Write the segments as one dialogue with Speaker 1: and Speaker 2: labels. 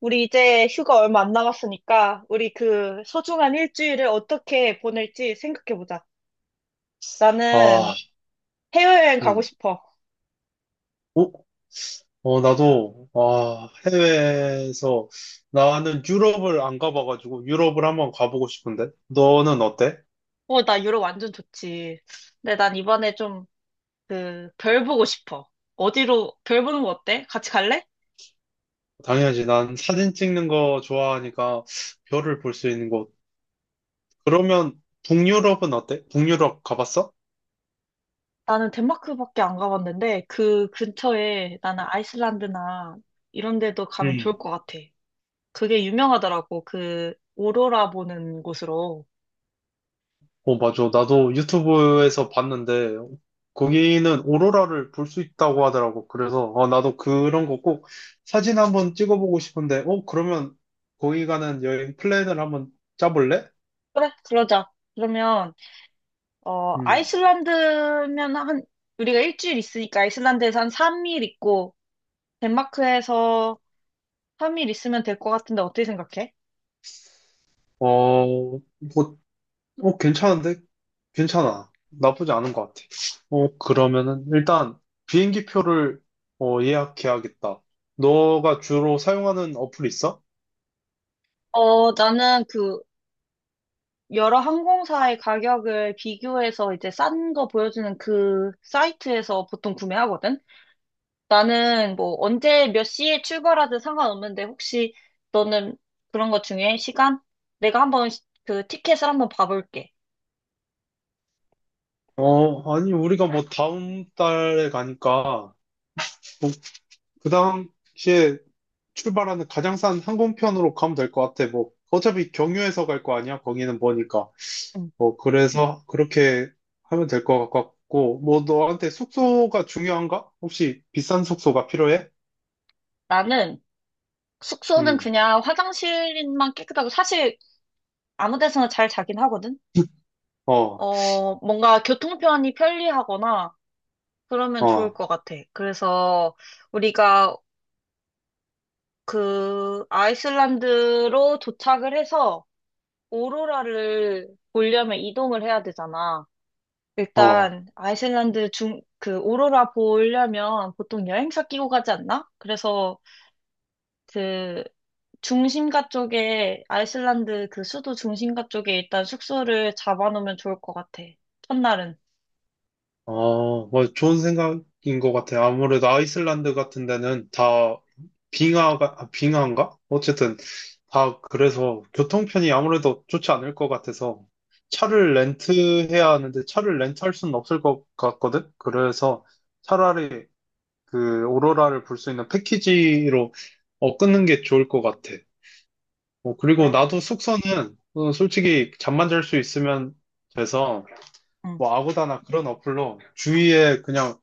Speaker 1: 우리 이제 휴가 얼마 안 남았으니까 우리 그 소중한 일주일을 어떻게 보낼지 생각해보자. 나는
Speaker 2: 아,
Speaker 1: 해외여행 가고
Speaker 2: 음.
Speaker 1: 싶어.
Speaker 2: 어? 어, 나도, 아, 해외에서, 나는 유럽을 안 가봐가지고, 유럽을 한번 가보고 싶은데? 너는 어때?
Speaker 1: 어, 나 유럽 완전 좋지. 근데 난 이번에 좀 그 별 보고 싶어. 어디로 별 보는 거 어때? 같이 갈래?
Speaker 2: 당연하지. 난 사진 찍는 거 좋아하니까, 별을 볼 수 있는 곳. 그러면, 북유럽은 어때? 북유럽 가봤어?
Speaker 1: 나는 덴마크밖에 안 가봤는데 그 근처에 나는 아이슬란드나 이런 데도 가면 좋을 것 같아. 그게 유명하더라고. 그 오로라 보는 곳으로.
Speaker 2: 어, 맞아. 나도 유튜브에서 봤는데, 거기는 오로라를 볼 수 있다고 하더라고. 그래서, 어, 나도 그런 거 꼭 사진 한번 찍어보고 싶은데, 어, 그러면 거기 가는 여행 플랜을 한번 짜볼래?
Speaker 1: 그래, 그러자. 그러면 어,
Speaker 2: 음.
Speaker 1: 아이슬란드면 한, 우리가 일주일 있으니까 아이슬란드에서 한 3일 있고, 덴마크에서 3일 있으면 될 것 같은데 어떻게 생각해?
Speaker 2: 어, 뭐, 어, 괜찮은데? 괜찮아. 나쁘지 않은 것 같아. 어, 그러면은, 일단, 비행기 표를, 어, 예약해야겠다. 너가 주로 사용하는 어플 있어?
Speaker 1: 어, 나는 그, 여러 항공사의 가격을 비교해서 이제 싼 거 보여주는 그 사이트에서 보통 구매하거든? 나는 뭐 언제 몇 시에 출발하든 상관없는데 혹시 너는 그런 것 중에 시간? 내가 한번 그 티켓을 한번 봐볼게.
Speaker 2: 어, 아니, 우리가 뭐 다음 달에 가니까, 그 당시에 출발하는 가장 싼 항공편으로 가면 될 것 같아. 뭐, 어차피 경유해서 갈 거 아니야? 거기는 뭐니까.
Speaker 1: 음.
Speaker 2: 뭐, 그래서 그렇게 하면 될 것 같고, 뭐, 너한테 숙소가 중요한가? 혹시 비싼 숙소가 필요해?
Speaker 1: 나는 숙소는
Speaker 2: 음,
Speaker 1: 그냥 화장실만 깨끗하고 사실 아무 데서나 잘 자긴 하거든.
Speaker 2: 어,
Speaker 1: 어, 뭔가 교통편이 편리하거나 그러면 좋을
Speaker 2: 어,
Speaker 1: 것 같아. 그래서 우리가 그 아이슬란드로 도착을 해서 오로라를 보려면 이동을 해야 되잖아.
Speaker 2: 어.
Speaker 1: 일단 그 오로라 보려면 보통 여행사 끼고 가지 않나? 그래서 그 중심가 쪽에 아이슬란드 그 수도 중심가 쪽에 일단 숙소를 잡아놓으면 좋을 것 같아. 첫날은.
Speaker 2: 아, 뭐 좋은 생각인 것 같아요. 아무래도 아이슬란드 같은 데는 다 빙하가, 아, 빙하인가? 어쨌든 다 그래서 교통편이 아무래도 좋지 않을 것 같아서 차를 렌트해야 하는데 차를 렌트할 수는 없을 것 같거든? 그래서 차라리 그 오로라를 볼 수 있는 패키지로 어, 끊는 게 좋을 것 같아. 어, 그리고
Speaker 1: 그래.
Speaker 2: 나도 숙소는 어, 솔직히 잠만 잘 수 있으면 돼서
Speaker 1: 응.
Speaker 2: 뭐 아고다나 그런 어플로 주위에 그냥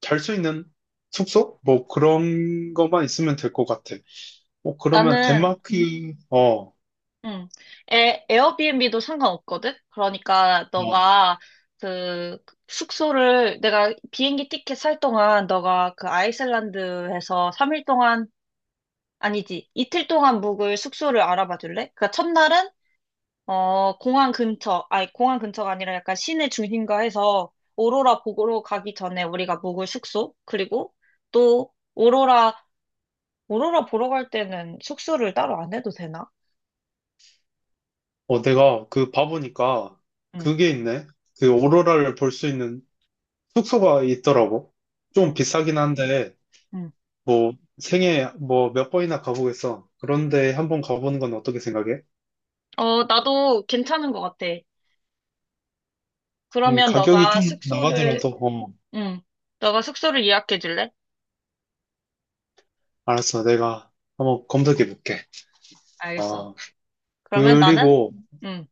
Speaker 2: 잘 수 있는 숙소? 뭐 그런 것만 있으면 될 것 같아. 어, 그러면
Speaker 1: 나는
Speaker 2: 덴마크, 어, 어,
Speaker 1: 응. 에어비앤비도 상관없거든? 그러니까 너가 그 숙소를 내가 비행기 티켓 살 동안 너가 그 아이슬란드에서 3일 동안 아니지 이틀 동안 묵을 숙소를 알아봐 줄래? 그러니까 첫날은 어 공항 근처 아니 공항 근처가 아니라 약간 시내 중심가 해서 오로라 보러 가기 전에 우리가 묵을 숙소 그리고 또 오로라 오로라 보러 갈 때는 숙소를 따로 안 해도 되나?
Speaker 2: 어, 내가 그 봐보니까
Speaker 1: 응,
Speaker 2: 그게 있네. 그 오로라를 볼 수 있는 숙소가 있더라고. 좀
Speaker 1: 응,
Speaker 2: 비싸긴 한데,
Speaker 1: 응.
Speaker 2: 뭐 생애 뭐 몇 번이나 가보겠어. 그런데 한 번 가보는 건 어떻게 생각해?
Speaker 1: 어, 나도 괜찮은 것 같아. 그러면
Speaker 2: 가격이
Speaker 1: 너가
Speaker 2: 좀
Speaker 1: 숙소를,
Speaker 2: 나가더라도, 어,
Speaker 1: 응, 너가 숙소를 예약해 줄래?
Speaker 2: 알았어. 내가 한번 검색해 볼게.
Speaker 1: 알겠어.
Speaker 2: 아,
Speaker 1: 그러면 나는,
Speaker 2: 그리고,
Speaker 1: 응,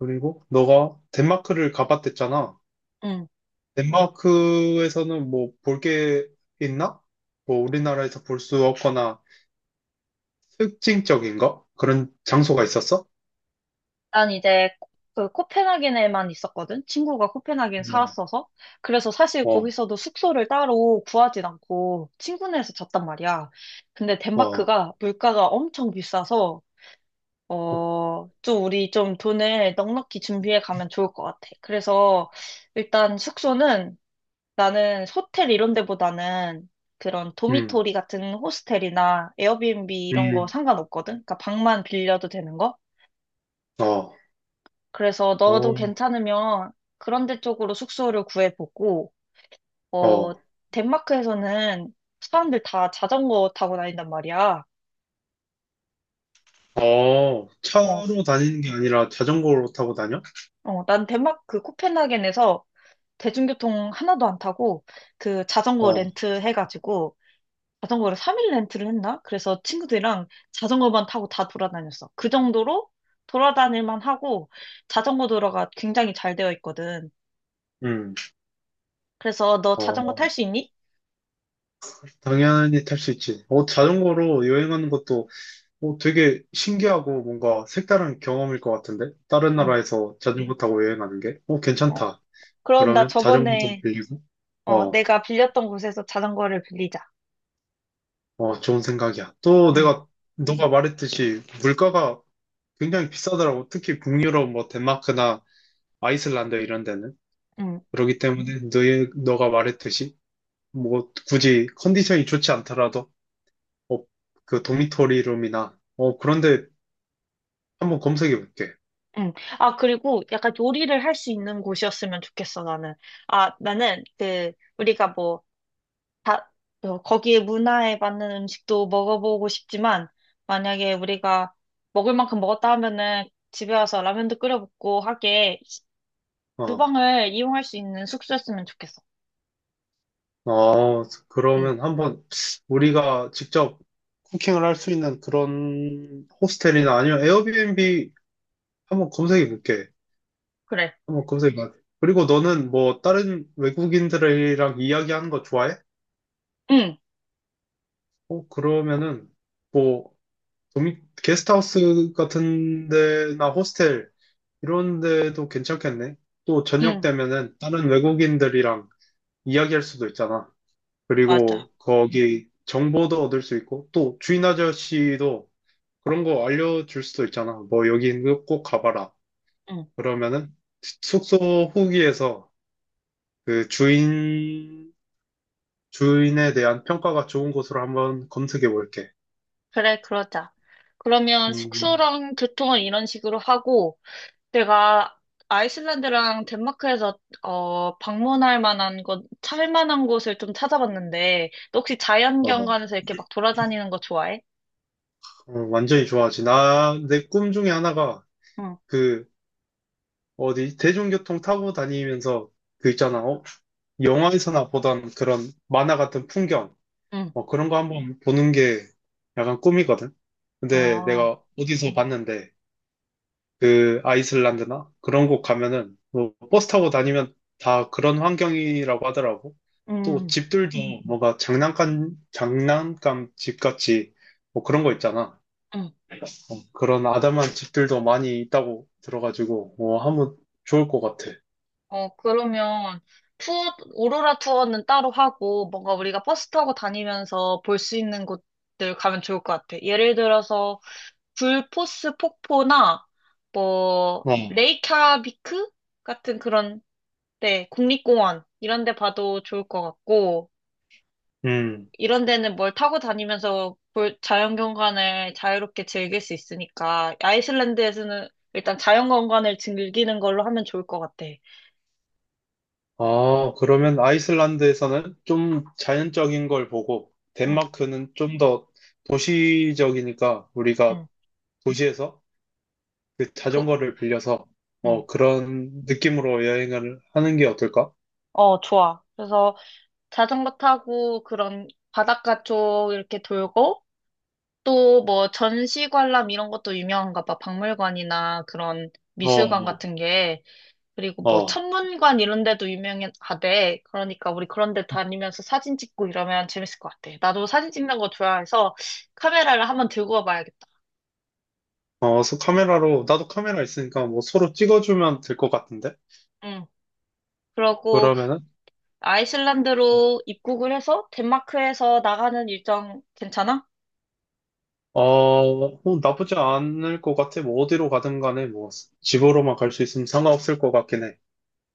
Speaker 2: 그리고, 너가 덴마크를 가봤댔잖아.
Speaker 1: 응.
Speaker 2: 덴마크에서는 뭐 볼 게 있나? 뭐 우리나라에서 볼 수 없거나 특징적인 거? 그런 장소가 있었어?
Speaker 1: 난 이제 그 코펜하겐에만 있었거든. 친구가 코펜하겐
Speaker 2: 뭐,
Speaker 1: 살았어서. 그래서 사실
Speaker 2: 어,
Speaker 1: 거기서도 숙소를 따로 구하진 않고 친구네에서 잤단 말이야. 근데
Speaker 2: 어,
Speaker 1: 덴마크가 물가가 엄청 비싸서
Speaker 2: 어,
Speaker 1: 어, 좀 우리 좀 돈을 넉넉히 준비해 가면 좋을 것 같아. 그래서 일단 숙소는 나는 호텔 이런 데보다는 그런
Speaker 2: 음,
Speaker 1: 도미토리 같은 호스텔이나 에어비앤비 이런 거
Speaker 2: 음,
Speaker 1: 상관없거든? 그러니까 방만 빌려도 되는 거?
Speaker 2: 어,
Speaker 1: 그래서
Speaker 2: 어,
Speaker 1: 너도 괜찮으면 그런 데 쪽으로 숙소를 구해보고, 어,
Speaker 2: 어,
Speaker 1: 덴마크에서는 사람들 다 자전거 타고 다닌단 말이야.
Speaker 2: 어,
Speaker 1: 어,
Speaker 2: 차로 다니는 게 아니라 자전거로 타고 다녀?
Speaker 1: 난 덴마크 코펜하겐에서 대중교통 하나도 안 타고 그 자전거
Speaker 2: 어,
Speaker 1: 렌트 해가지고 자전거를 3일 렌트를 했나? 그래서 친구들이랑 자전거만 타고 다 돌아다녔어. 그 정도로 돌아다닐만 하고 자전거 도로가 굉장히 잘 되어 있거든.
Speaker 2: 음,
Speaker 1: 그래서 너 자전거
Speaker 2: 어,
Speaker 1: 탈 수 있니?
Speaker 2: 당연히 탈 수 있지. 어, 자전거로 여행하는 것도 어, 되게 신기하고 뭔가 색다른 경험일 것 같은데? 다른
Speaker 1: 응.
Speaker 2: 나라에서 자전거 타고 여행하는 게? 어,
Speaker 1: 어.
Speaker 2: 괜찮다.
Speaker 1: 그럼 나
Speaker 2: 그러면 자전거도
Speaker 1: 저번에
Speaker 2: 빌리고,
Speaker 1: 어,
Speaker 2: 어,
Speaker 1: 내가 빌렸던 곳에서 자전거를 빌리자.
Speaker 2: 어, 좋은 생각이야. 또
Speaker 1: 응.
Speaker 2: 내가, 너가 말했듯이 물가가 굉장히 비싸더라고. 특히 북유럽, 뭐, 덴마크나 아이슬란드 이런 데는.
Speaker 1: 응.
Speaker 2: 그렇기 때문에 너가 말했듯이, 뭐, 굳이 컨디션이 좋지 않더라도, 어, 그 도미토리 룸이나, 어, 그런데 한번 검색해 볼게.
Speaker 1: 응. 아, 그리고 약간 요리를 할 수 있는 곳이었으면 좋겠어, 나는. 아, 나는 그 우리가 뭐 다, 어, 거기에 문화에 맞는 음식도 먹어보고 싶지만, 만약에 우리가 먹을 만큼 먹었다 하면은 집에 와서 라면도 끓여 먹고 하게
Speaker 2: 어,
Speaker 1: 주방을 이용할 수 있는 숙소였으면 좋겠어.
Speaker 2: 어,
Speaker 1: 응,
Speaker 2: 그러면 한번 우리가 직접 쿠킹을 할 수 있는 그런 호스텔이나 아니면 에어비앤비 한번 검색해 볼게.
Speaker 1: 그래.
Speaker 2: 어, 검색이가. 그리고 너는 뭐 다른 외국인들이랑 이야기하는 거 좋아해?
Speaker 1: 응,
Speaker 2: 어, 그러면은 뭐 도미, 게스트하우스 같은 데나 호스텔 이런 데도 괜찮겠네. 또 저녁
Speaker 1: 응,
Speaker 2: 되면은 다른 외국인들이랑 이야기할 수도 있잖아.
Speaker 1: 맞아.
Speaker 2: 그리고 거기 정보도 얻을 수 있고 또 주인 아저씨도 그런 거 알려줄 수도 있잖아. 뭐 여기 꼭 가봐라.
Speaker 1: 응,
Speaker 2: 그러면은 숙소 후기에서 그 주인 주인에 대한 평가가 좋은 곳으로 한번 검색해 볼게.
Speaker 1: 그래, 그러자. 그러면
Speaker 2: 음,
Speaker 1: 숙소랑 교통은 이런 식으로 하고, 내가 아이슬란드랑 덴마크에서 어, 방문할 만한 곳, 찰 만한 곳을 좀 찾아봤는데, 너 혹시
Speaker 2: 어, 어,
Speaker 1: 자연경관에서 이렇게 막 돌아다니는 거 좋아해?
Speaker 2: 완전히 좋아하지. 내 꿈 중에 하나가
Speaker 1: 응,
Speaker 2: 그, 어디, 대중교통 타고 다니면서 그 있잖아. 어? 영화에서나 보던 그런 만화 같은 풍경.
Speaker 1: 응,
Speaker 2: 어, 그런 거 한번 보는 게 약간 꿈이거든. 근데
Speaker 1: 아,
Speaker 2: 내가 어디서 봤는데, 그 아이슬란드나 그런 곳 가면은 뭐 버스 타고 다니면 다 그런 환경이라고 하더라고. 또
Speaker 1: 응,
Speaker 2: 집들도 네. 뭔가 장난감 장난감 집같이 뭐 그런 거 있잖아.
Speaker 1: 응.
Speaker 2: 그런 아담한 집들도 많이 있다고 들어가지고 뭐 하면 좋을 것 같아.
Speaker 1: 어, 그러면 투어, 오로라 투어는 따로 하고 뭔가 우리가 버스 타고 다니면서 볼 수 있는 곳들 가면 좋을 것 같아. 예를 들어서 굴포스 폭포나 뭐
Speaker 2: 어. 네.
Speaker 1: 레이캬비크 같은 그런 데 국립공원 이런 데 봐도 좋을 것 같고
Speaker 2: 음.
Speaker 1: 이런 데는 뭘 타고 다니면서 볼- 자연경관을 자유롭게 즐길 수 있으니까 아이슬란드에서는 일단 자연경관을 즐기는 걸로 하면 좋을 것 같아.
Speaker 2: 아, 그러면 아이슬란드에서는 좀 자연적인 걸 보고
Speaker 1: 응,
Speaker 2: 덴마크는 좀 더 도시적이니까 우리가
Speaker 1: 응,
Speaker 2: 도시에서 그
Speaker 1: 도,
Speaker 2: 자전거를 빌려서
Speaker 1: 응.
Speaker 2: 어 그런 느낌으로 여행을 하는 게 어떨까?
Speaker 1: 어, 좋아. 그래서 자전거 타고 그런 바닷가 쪽 이렇게 돌고 또 뭐 전시관람 이런 것도 유명한가 봐. 박물관이나 그런 미술관
Speaker 2: 어,
Speaker 1: 같은 게. 그리고 뭐
Speaker 2: 어,
Speaker 1: 천문관 이런 데도 유명하대. 그러니까 우리 그런 데 다니면서 사진 찍고 이러면 재밌을 것 같아. 나도 사진 찍는 거 좋아해서 카메라를 한번 들고 와봐야겠다.
Speaker 2: 어, 서 카메라로 나도 카메라 있으니까 뭐 서로 찍어주면 될 것 같은데?
Speaker 1: 응. 그러고
Speaker 2: 그러면은
Speaker 1: 아이슬란드로 입국을 해서 덴마크에서 나가는 일정 괜찮아?
Speaker 2: 어, 어, 나쁘지 않을 것 같아. 뭐 어디로 가든 간에 뭐 집으로만 갈 수 있으면 상관없을 것 같긴 해.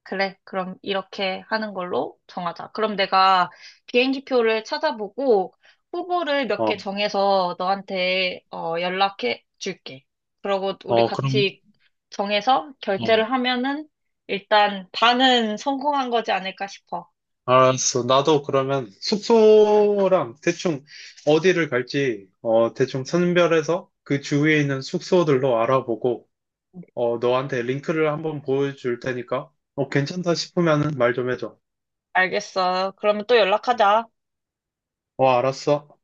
Speaker 1: 그래, 그럼 이렇게 하는 걸로 정하자. 그럼 내가 비행기표를 찾아보고 후보를 몇
Speaker 2: 어,
Speaker 1: 개 정해서 너한테 어, 연락해 줄게. 그러고 우리
Speaker 2: 어, 그럼
Speaker 1: 같이 정해서
Speaker 2: 어,
Speaker 1: 결제를 하면은 일단 반은 성공한 거지 않을까 싶어.
Speaker 2: 알았어. 나도 그러면 숙소랑 대충 어디를 갈지 어 대충 선별해서 그 주위에 있는 숙소들로 알아보고. 어, 너한테 링크를 한번 보여줄 테니까, 어, 괜찮다 싶으면은 말 좀 해줘.
Speaker 1: 알겠어. 그러면 또 연락하자.
Speaker 2: 어, 알았어.